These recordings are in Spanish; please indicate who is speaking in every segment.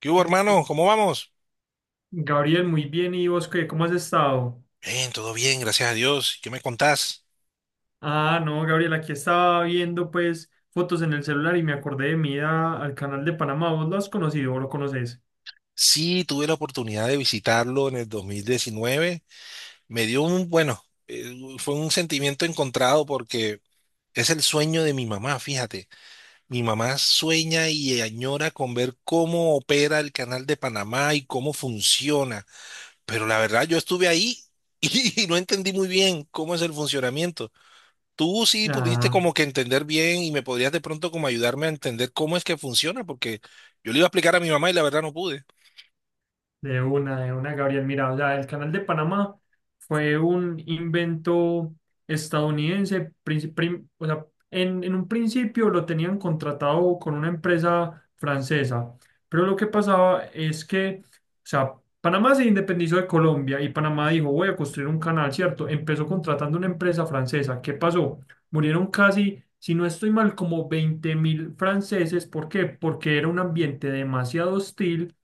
Speaker 1: ¿Qué hubo, hermano? ¿Cómo vamos?
Speaker 2: Gabriel, muy bien. ¿Y vos qué? ¿Cómo has estado?
Speaker 1: Bien, todo bien, gracias a Dios. ¿Qué me contás?
Speaker 2: Ah, no, Gabriel, aquí estaba viendo pues fotos en el celular y me acordé de al canal de Panamá. ¿Vos lo has conocido o lo conoces?
Speaker 1: Sí, tuve la oportunidad de visitarlo en el 2019. Me dio fue un sentimiento encontrado porque es el sueño de mi mamá, fíjate. Mi mamá sueña y añora con ver cómo opera el Canal de Panamá y cómo funciona. Pero la verdad, yo estuve ahí y no entendí muy bien cómo es el funcionamiento. Tú sí pudiste
Speaker 2: Ah.
Speaker 1: como que entender bien y me podrías de pronto como ayudarme a entender cómo es que funciona, porque yo le iba a explicar a mi mamá y la verdad no pude.
Speaker 2: De una, Gabriel. Mira, o sea, el Canal de Panamá fue un invento estadounidense. O sea, en un principio lo tenían contratado con una empresa francesa, pero lo que pasaba es que, o sea, Panamá se independizó de Colombia y Panamá dijo, voy a construir un canal, ¿cierto? Empezó contratando una empresa francesa. ¿Qué pasó? Murieron casi, si no estoy mal, como 20.000 franceses. ¿Por qué? Porque era un ambiente demasiado hostil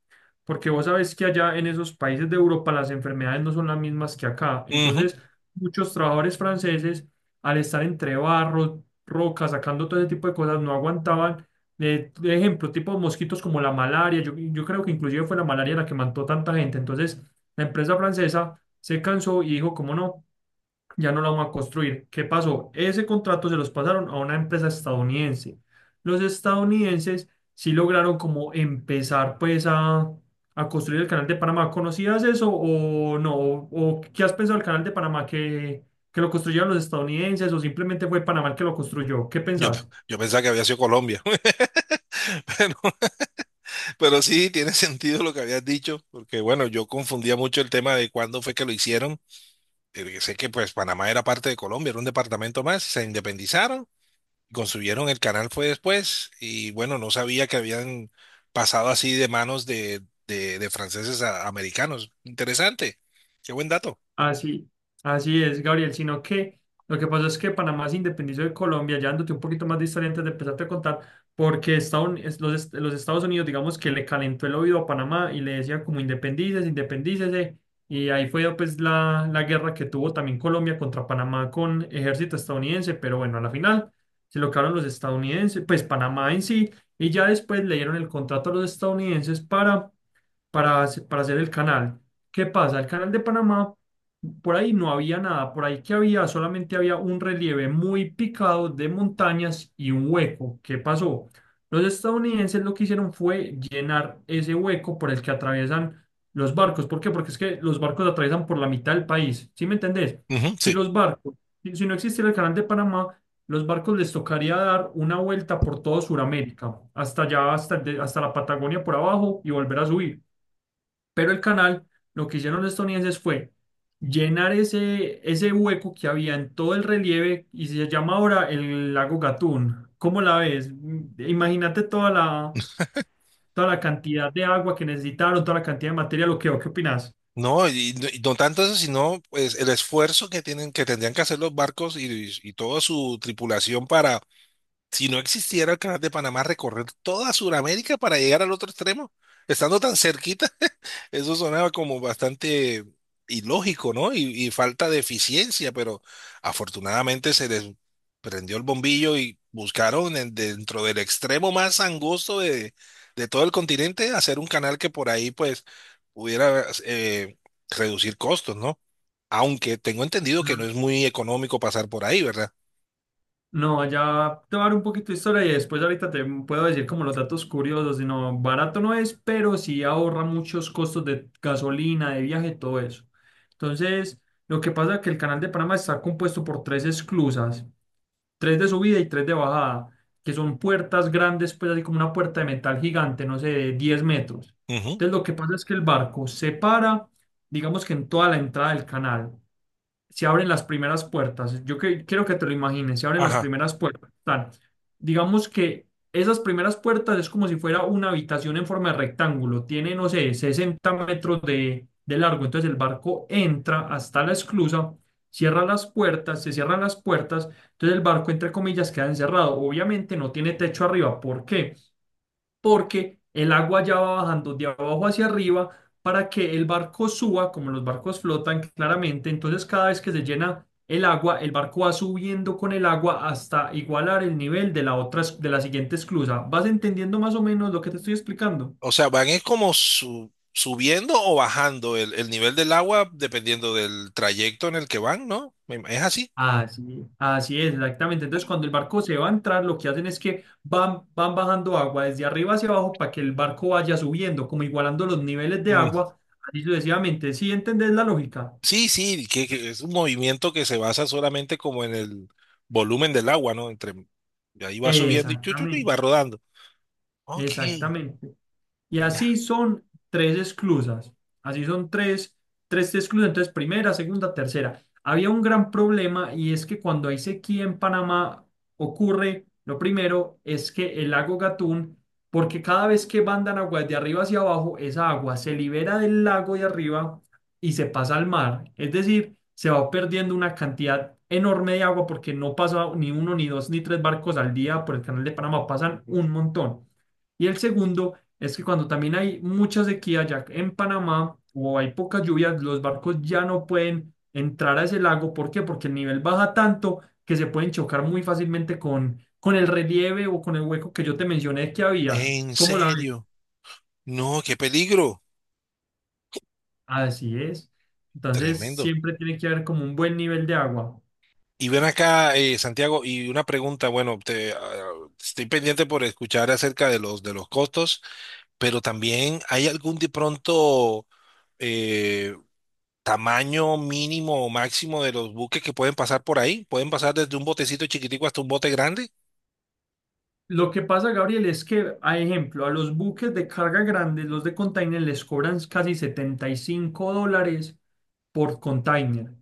Speaker 2: porque vos sabés que allá en esos países de Europa las enfermedades no son las mismas que acá.
Speaker 1: Ujú.
Speaker 2: Entonces, muchos trabajadores franceses, al estar entre barro, rocas, sacando todo ese tipo de cosas, no aguantaban. De Ejemplo, tipo mosquitos como la malaria. Yo creo que inclusive fue la malaria la que mató tanta gente. Entonces, la empresa francesa se cansó y dijo, ¿cómo no? Ya no la vamos a construir. ¿Qué pasó? Ese contrato se los pasaron a una empresa estadounidense. Los estadounidenses sí lograron como empezar pues a construir el canal de Panamá. ¿Conocías eso o no? ¿O qué has pensado del canal de Panamá que lo construyeron los estadounidenses o simplemente fue Panamá el que lo construyó? ¿Qué
Speaker 1: Yo, pe-
Speaker 2: pensás?
Speaker 1: yo pensaba que había sido Colombia, pero, pero sí tiene sentido lo que habías dicho, porque bueno, yo confundía mucho el tema de cuándo fue que lo hicieron, porque sé que pues Panamá era parte de Colombia, era un departamento más, se independizaron, construyeron el canal fue después y bueno, no sabía que habían pasado así de manos de, de franceses a americanos. Interesante, qué buen dato.
Speaker 2: Así, así es, Gabriel, sino que lo que pasa es que Panamá se independizó de Colombia, ya dándote un poquito más de historia antes de empezarte a contar, porque Estados es- los, est- los Estados Unidos, digamos que le calentó el oído a Panamá y le decía como independícese, independícese, y ahí fue pues la guerra que tuvo también Colombia contra Panamá con ejército estadounidense, pero bueno, a la final se lo quedaron los estadounidenses, pues Panamá en sí, y ya después le dieron el contrato a los estadounidenses para hacer el canal. ¿Qué pasa? El canal de Panamá, por ahí no había nada, por ahí que había, solamente había un relieve muy picado de montañas y un hueco. ¿Qué pasó? Los estadounidenses lo que hicieron fue llenar ese hueco por el que atraviesan los barcos. ¿Por qué? Porque es que los barcos atraviesan por la mitad del país. ¿Sí me entendés?
Speaker 1: Ujú,
Speaker 2: Si
Speaker 1: sí.
Speaker 2: los barcos, si si no existiera el canal de Panamá, los barcos les tocaría dar una vuelta por todo Sudamérica, hasta allá, hasta, hasta la Patagonia por abajo y volver a subir. Pero el canal, lo que hicieron los estadounidenses fue llenar ese hueco que había en todo el relieve y se llama ahora el lago Gatún. ¿Cómo la ves? Mm, imagínate toda la cantidad de agua que necesitaron, toda la cantidad de material, ¿o qué opinas?
Speaker 1: No, y no tanto eso, sino pues el esfuerzo que tienen, que tendrían que hacer los barcos y toda su tripulación para, si no existiera el Canal de Panamá, recorrer toda Sudamérica para llegar al otro extremo, estando tan cerquita. Eso sonaba como bastante ilógico, ¿no? Y falta de eficiencia, pero afortunadamente se les prendió el bombillo y buscaron dentro del extremo más angosto de todo el continente hacer un canal que por ahí pues pudiera reducir costos, ¿no? Aunque tengo entendido que no es muy económico pasar por ahí, ¿verdad?
Speaker 2: No, ya te voy a dar un poquito de historia y después ahorita te puedo decir como los datos curiosos. Sino barato no es, pero sí ahorra muchos costos de gasolina, de viaje, todo eso. Entonces, lo que pasa es que el canal de Panamá está compuesto por tres esclusas, tres de subida y tres de bajada, que son puertas grandes, pues así como una puerta de metal gigante, no sé, de 10 metros.
Speaker 1: Ujú.
Speaker 2: Entonces, lo que pasa es que el barco se para, digamos que en toda la entrada del canal se abren las primeras puertas. Quiero que te lo imagines, se abren las
Speaker 1: Ajá.
Speaker 2: primeras puertas. Tan, digamos que esas primeras puertas es como si fuera una habitación en forma de rectángulo. Tiene, no sé, 60 metros de largo. Entonces el barco entra hasta la esclusa, cierra las puertas, se cierran las puertas. Entonces el barco, entre comillas, queda encerrado. Obviamente no tiene techo arriba. ¿Por qué? Porque el agua ya va bajando de abajo hacia arriba para que el barco suba, como los barcos flotan claramente, entonces cada vez que se llena el agua, el barco va subiendo con el agua hasta igualar el nivel de la otra, de la siguiente esclusa. ¿Vas entendiendo más o menos lo que te estoy explicando?
Speaker 1: O sea, van es como subiendo o bajando el nivel del agua dependiendo del trayecto en el que van, ¿no? Es así.
Speaker 2: Así, así es, exactamente. Entonces, cuando el barco se va a entrar, lo que hacen es que van bajando agua desde arriba hacia abajo para que el barco vaya subiendo, como igualando los niveles de
Speaker 1: Mm.
Speaker 2: agua, así sucesivamente. ¿Sí entendés la lógica?
Speaker 1: Sí, sí, que es un movimiento que se basa solamente como en el volumen del agua, ¿no? Entre y ahí va subiendo y, chu, chu, chu, y va
Speaker 2: Exactamente,
Speaker 1: rodando. Ok,
Speaker 2: exactamente. Y
Speaker 1: ya.
Speaker 2: así son tres esclusas. Así son tres esclusas. Entonces, primera, segunda, tercera. Había un gran problema y es que cuando hay sequía en Panamá ocurre, lo primero es que el lago Gatún, porque cada vez que mandan agua de arriba hacia abajo, esa agua se libera del lago de arriba y se pasa al mar. Es decir, se va perdiendo una cantidad enorme de agua porque no pasa ni uno, ni dos, ni tres barcos al día por el canal de Panamá, pasan un montón. Y el segundo es que cuando también hay mucha sequía ya en Panamá o hay pocas lluvias, los barcos ya no pueden entrar a ese lago. ¿Por qué? Porque el nivel baja tanto que se pueden chocar muy fácilmente con el relieve o con el hueco que yo te mencioné que había.
Speaker 1: ¿En
Speaker 2: ¿Cómo la ves?
Speaker 1: serio? No, qué peligro.
Speaker 2: Así es. Entonces
Speaker 1: Tremendo.
Speaker 2: siempre tiene que haber como un buen nivel de agua.
Speaker 1: Y ven acá, Santiago, y una pregunta, bueno, estoy pendiente por escuchar acerca de los costos, pero también hay algún de pronto eh, tamaño mínimo o máximo de los buques que pueden pasar por ahí. ¿Pueden pasar desde un botecito chiquitico hasta un bote grande?
Speaker 2: Lo que pasa, Gabriel, es que, a ejemplo, a los buques de carga grandes, los de container, les cobran casi $75 por container.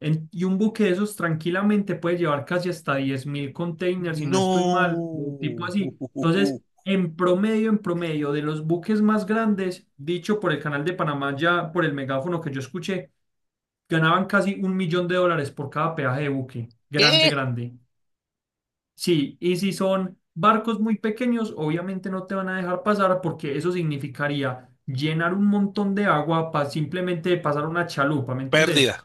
Speaker 2: En- y un buque de esos tranquilamente puede llevar casi hasta 10.000 containers, si no estoy mal, o tipo
Speaker 1: No.
Speaker 2: así. Entonces, en promedio, de los buques más grandes, dicho por el Canal de Panamá, ya por el megáfono que yo escuché, ganaban casi $1.000.000 por cada peaje de buque. Grande,
Speaker 1: ¿Qué?
Speaker 2: grande. Sí, y si son barcos muy pequeños, obviamente no te van a dejar pasar porque eso significaría llenar un montón de agua para simplemente pasar una chalupa, ¿me
Speaker 1: Pérdida
Speaker 2: entendés?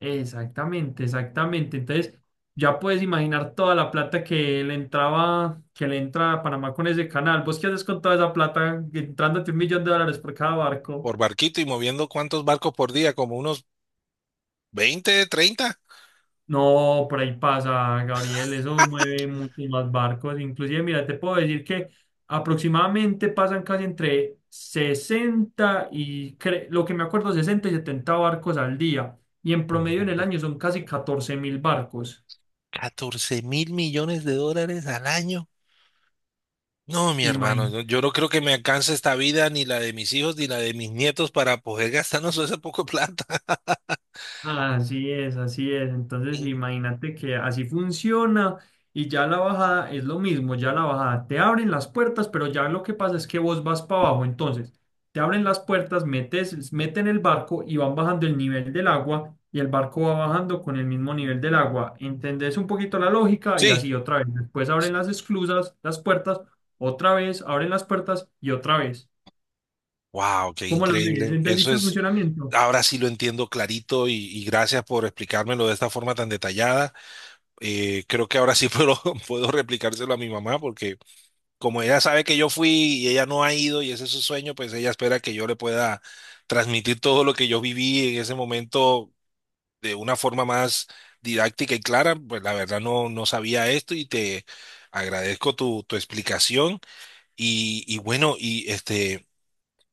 Speaker 2: Exactamente, exactamente. Entonces, ya puedes imaginar toda la plata que le entraba, que le entra a Panamá con ese canal. ¿Vos qué haces con toda esa plata? Entrándote $1.000.000 por cada barco.
Speaker 1: por barquito y moviendo cuántos barcos por día, como unos 20, 30,
Speaker 2: No, por ahí pasa, Gabriel. Eso mueve muchos más barcos. Inclusive, mira, te puedo decir que aproximadamente pasan casi entre 60 y, lo que me acuerdo, 60 y 70 barcos al día. Y en promedio en el año son casi 14.000 barcos.
Speaker 1: $14.000 millones al año. No, mi hermano, no- yo no creo que me alcance esta vida, ni la de mis hijos, ni la de mis nietos, para poder gastarnos esa poco de plata.
Speaker 2: Así es, así es. Entonces, imagínate que así funciona y ya la bajada es lo mismo, ya la bajada te abren las puertas, pero ya lo que pasa es que vos vas para abajo. Entonces, te abren las puertas, meten el barco y van bajando el nivel del agua y el barco va bajando con el mismo nivel del agua. ¿Entendés un poquito la lógica? Y
Speaker 1: Sí,
Speaker 2: así otra vez. Después abren las esclusas, las puertas, otra vez, abren las puertas y otra vez.
Speaker 1: wow, qué
Speaker 2: ¿Cómo lo ves?
Speaker 1: increíble. Eso
Speaker 2: ¿Entendiste el
Speaker 1: es,
Speaker 2: funcionamiento?
Speaker 1: ahora sí lo entiendo clarito y gracias por explicármelo de esta forma tan detallada. Creo que ahora sí puedo, puedo replicárselo a mi mamá porque como ella sabe que yo fui y ella no ha ido y ese es su sueño, pues ella espera que yo le pueda transmitir todo lo que yo viví en ese momento de una forma más didáctica y clara. Pues la verdad no sabía esto y te agradezco tu explicación y bueno, y este...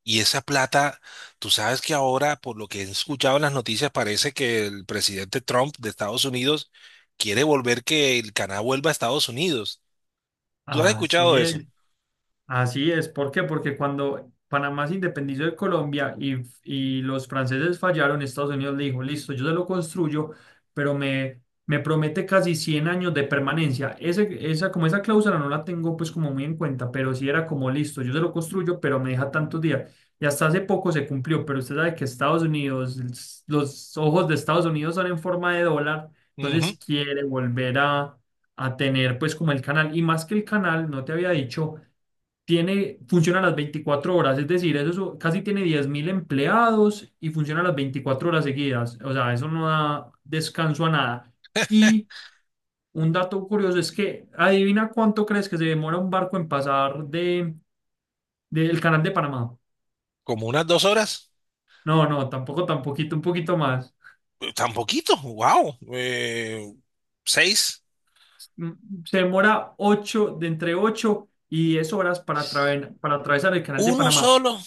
Speaker 1: Y esa plata, tú sabes que ahora, por lo que he escuchado en las noticias, parece que el presidente Trump de Estados Unidos quiere volver que el Canadá vuelva a Estados Unidos. ¿Tú has escuchado
Speaker 2: Así
Speaker 1: eso?
Speaker 2: es. Así es, ¿por qué? Porque cuando Panamá se independizó de Colombia y los franceses fallaron, Estados Unidos le dijo, listo, yo se lo construyo, pero me promete casi 100 años de permanencia. Ese, esa, como esa cláusula no la tengo pues como muy en cuenta, pero sí era como, listo, yo se lo construyo, pero me deja tantos días. Y hasta hace poco se cumplió, pero usted sabe que Estados Unidos, los ojos de Estados Unidos son en forma de dólar,
Speaker 1: Ujú.
Speaker 2: entonces quiere volver a tener pues como el canal, y más que el canal, no te había dicho tiene, funciona las 24 horas, es decir, casi tiene 10.000 empleados y funciona las 24 horas seguidas, o sea, eso no da descanso a nada. Y un dato curioso es que, adivina cuánto crees que se demora un barco en pasar de, del canal de Panamá.
Speaker 1: Como unas 2 horas.
Speaker 2: No, no, tampoco, tan poquito, un poquito más.
Speaker 1: Tan poquito, wow. Seis.
Speaker 2: Mm, se demora 8, de entre 8 y 10 horas para, para atravesar el canal de
Speaker 1: ¿Uno
Speaker 2: Panamá.
Speaker 1: solo?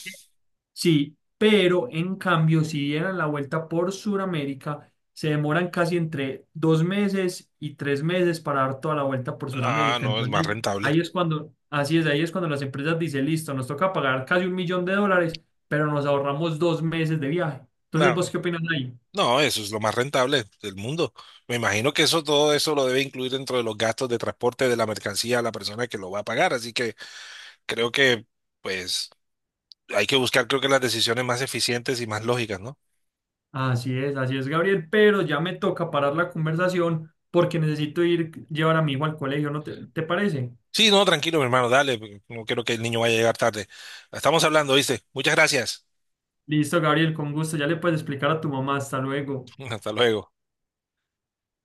Speaker 2: Sí, pero en cambio, si dieran la vuelta por Sudamérica, se demoran casi entre dos meses y tres meses para dar toda la vuelta por
Speaker 1: Ah,
Speaker 2: Sudamérica.
Speaker 1: no, es más
Speaker 2: Entonces,
Speaker 1: rentable.
Speaker 2: ahí es cuando, así es, ahí es cuando las empresas dicen, listo, nos toca pagar casi $1.000.000, pero nos ahorramos dos meses de viaje. Entonces, ¿vos
Speaker 1: Claro.
Speaker 2: qué opinas ahí?
Speaker 1: No, eso es lo más rentable del mundo. Me imagino que eso, todo eso lo debe incluir dentro de los gastos de transporte de la mercancía a la persona que lo va a pagar. Así que creo que, pues, hay que buscar, creo que las decisiones más eficientes y más lógicas, ¿no?
Speaker 2: Así es, Gabriel, pero ya me toca parar la conversación porque necesito ir llevar a mi hijo al colegio, ¿no te, te parece?
Speaker 1: Sí, no, tranquilo, mi hermano, dale, no quiero que el niño vaya a llegar tarde. Estamos hablando, ¿viste? Muchas gracias.
Speaker 2: Listo, Gabriel, con gusto, ya le puedes explicar a tu mamá, hasta luego.
Speaker 1: Hasta luego.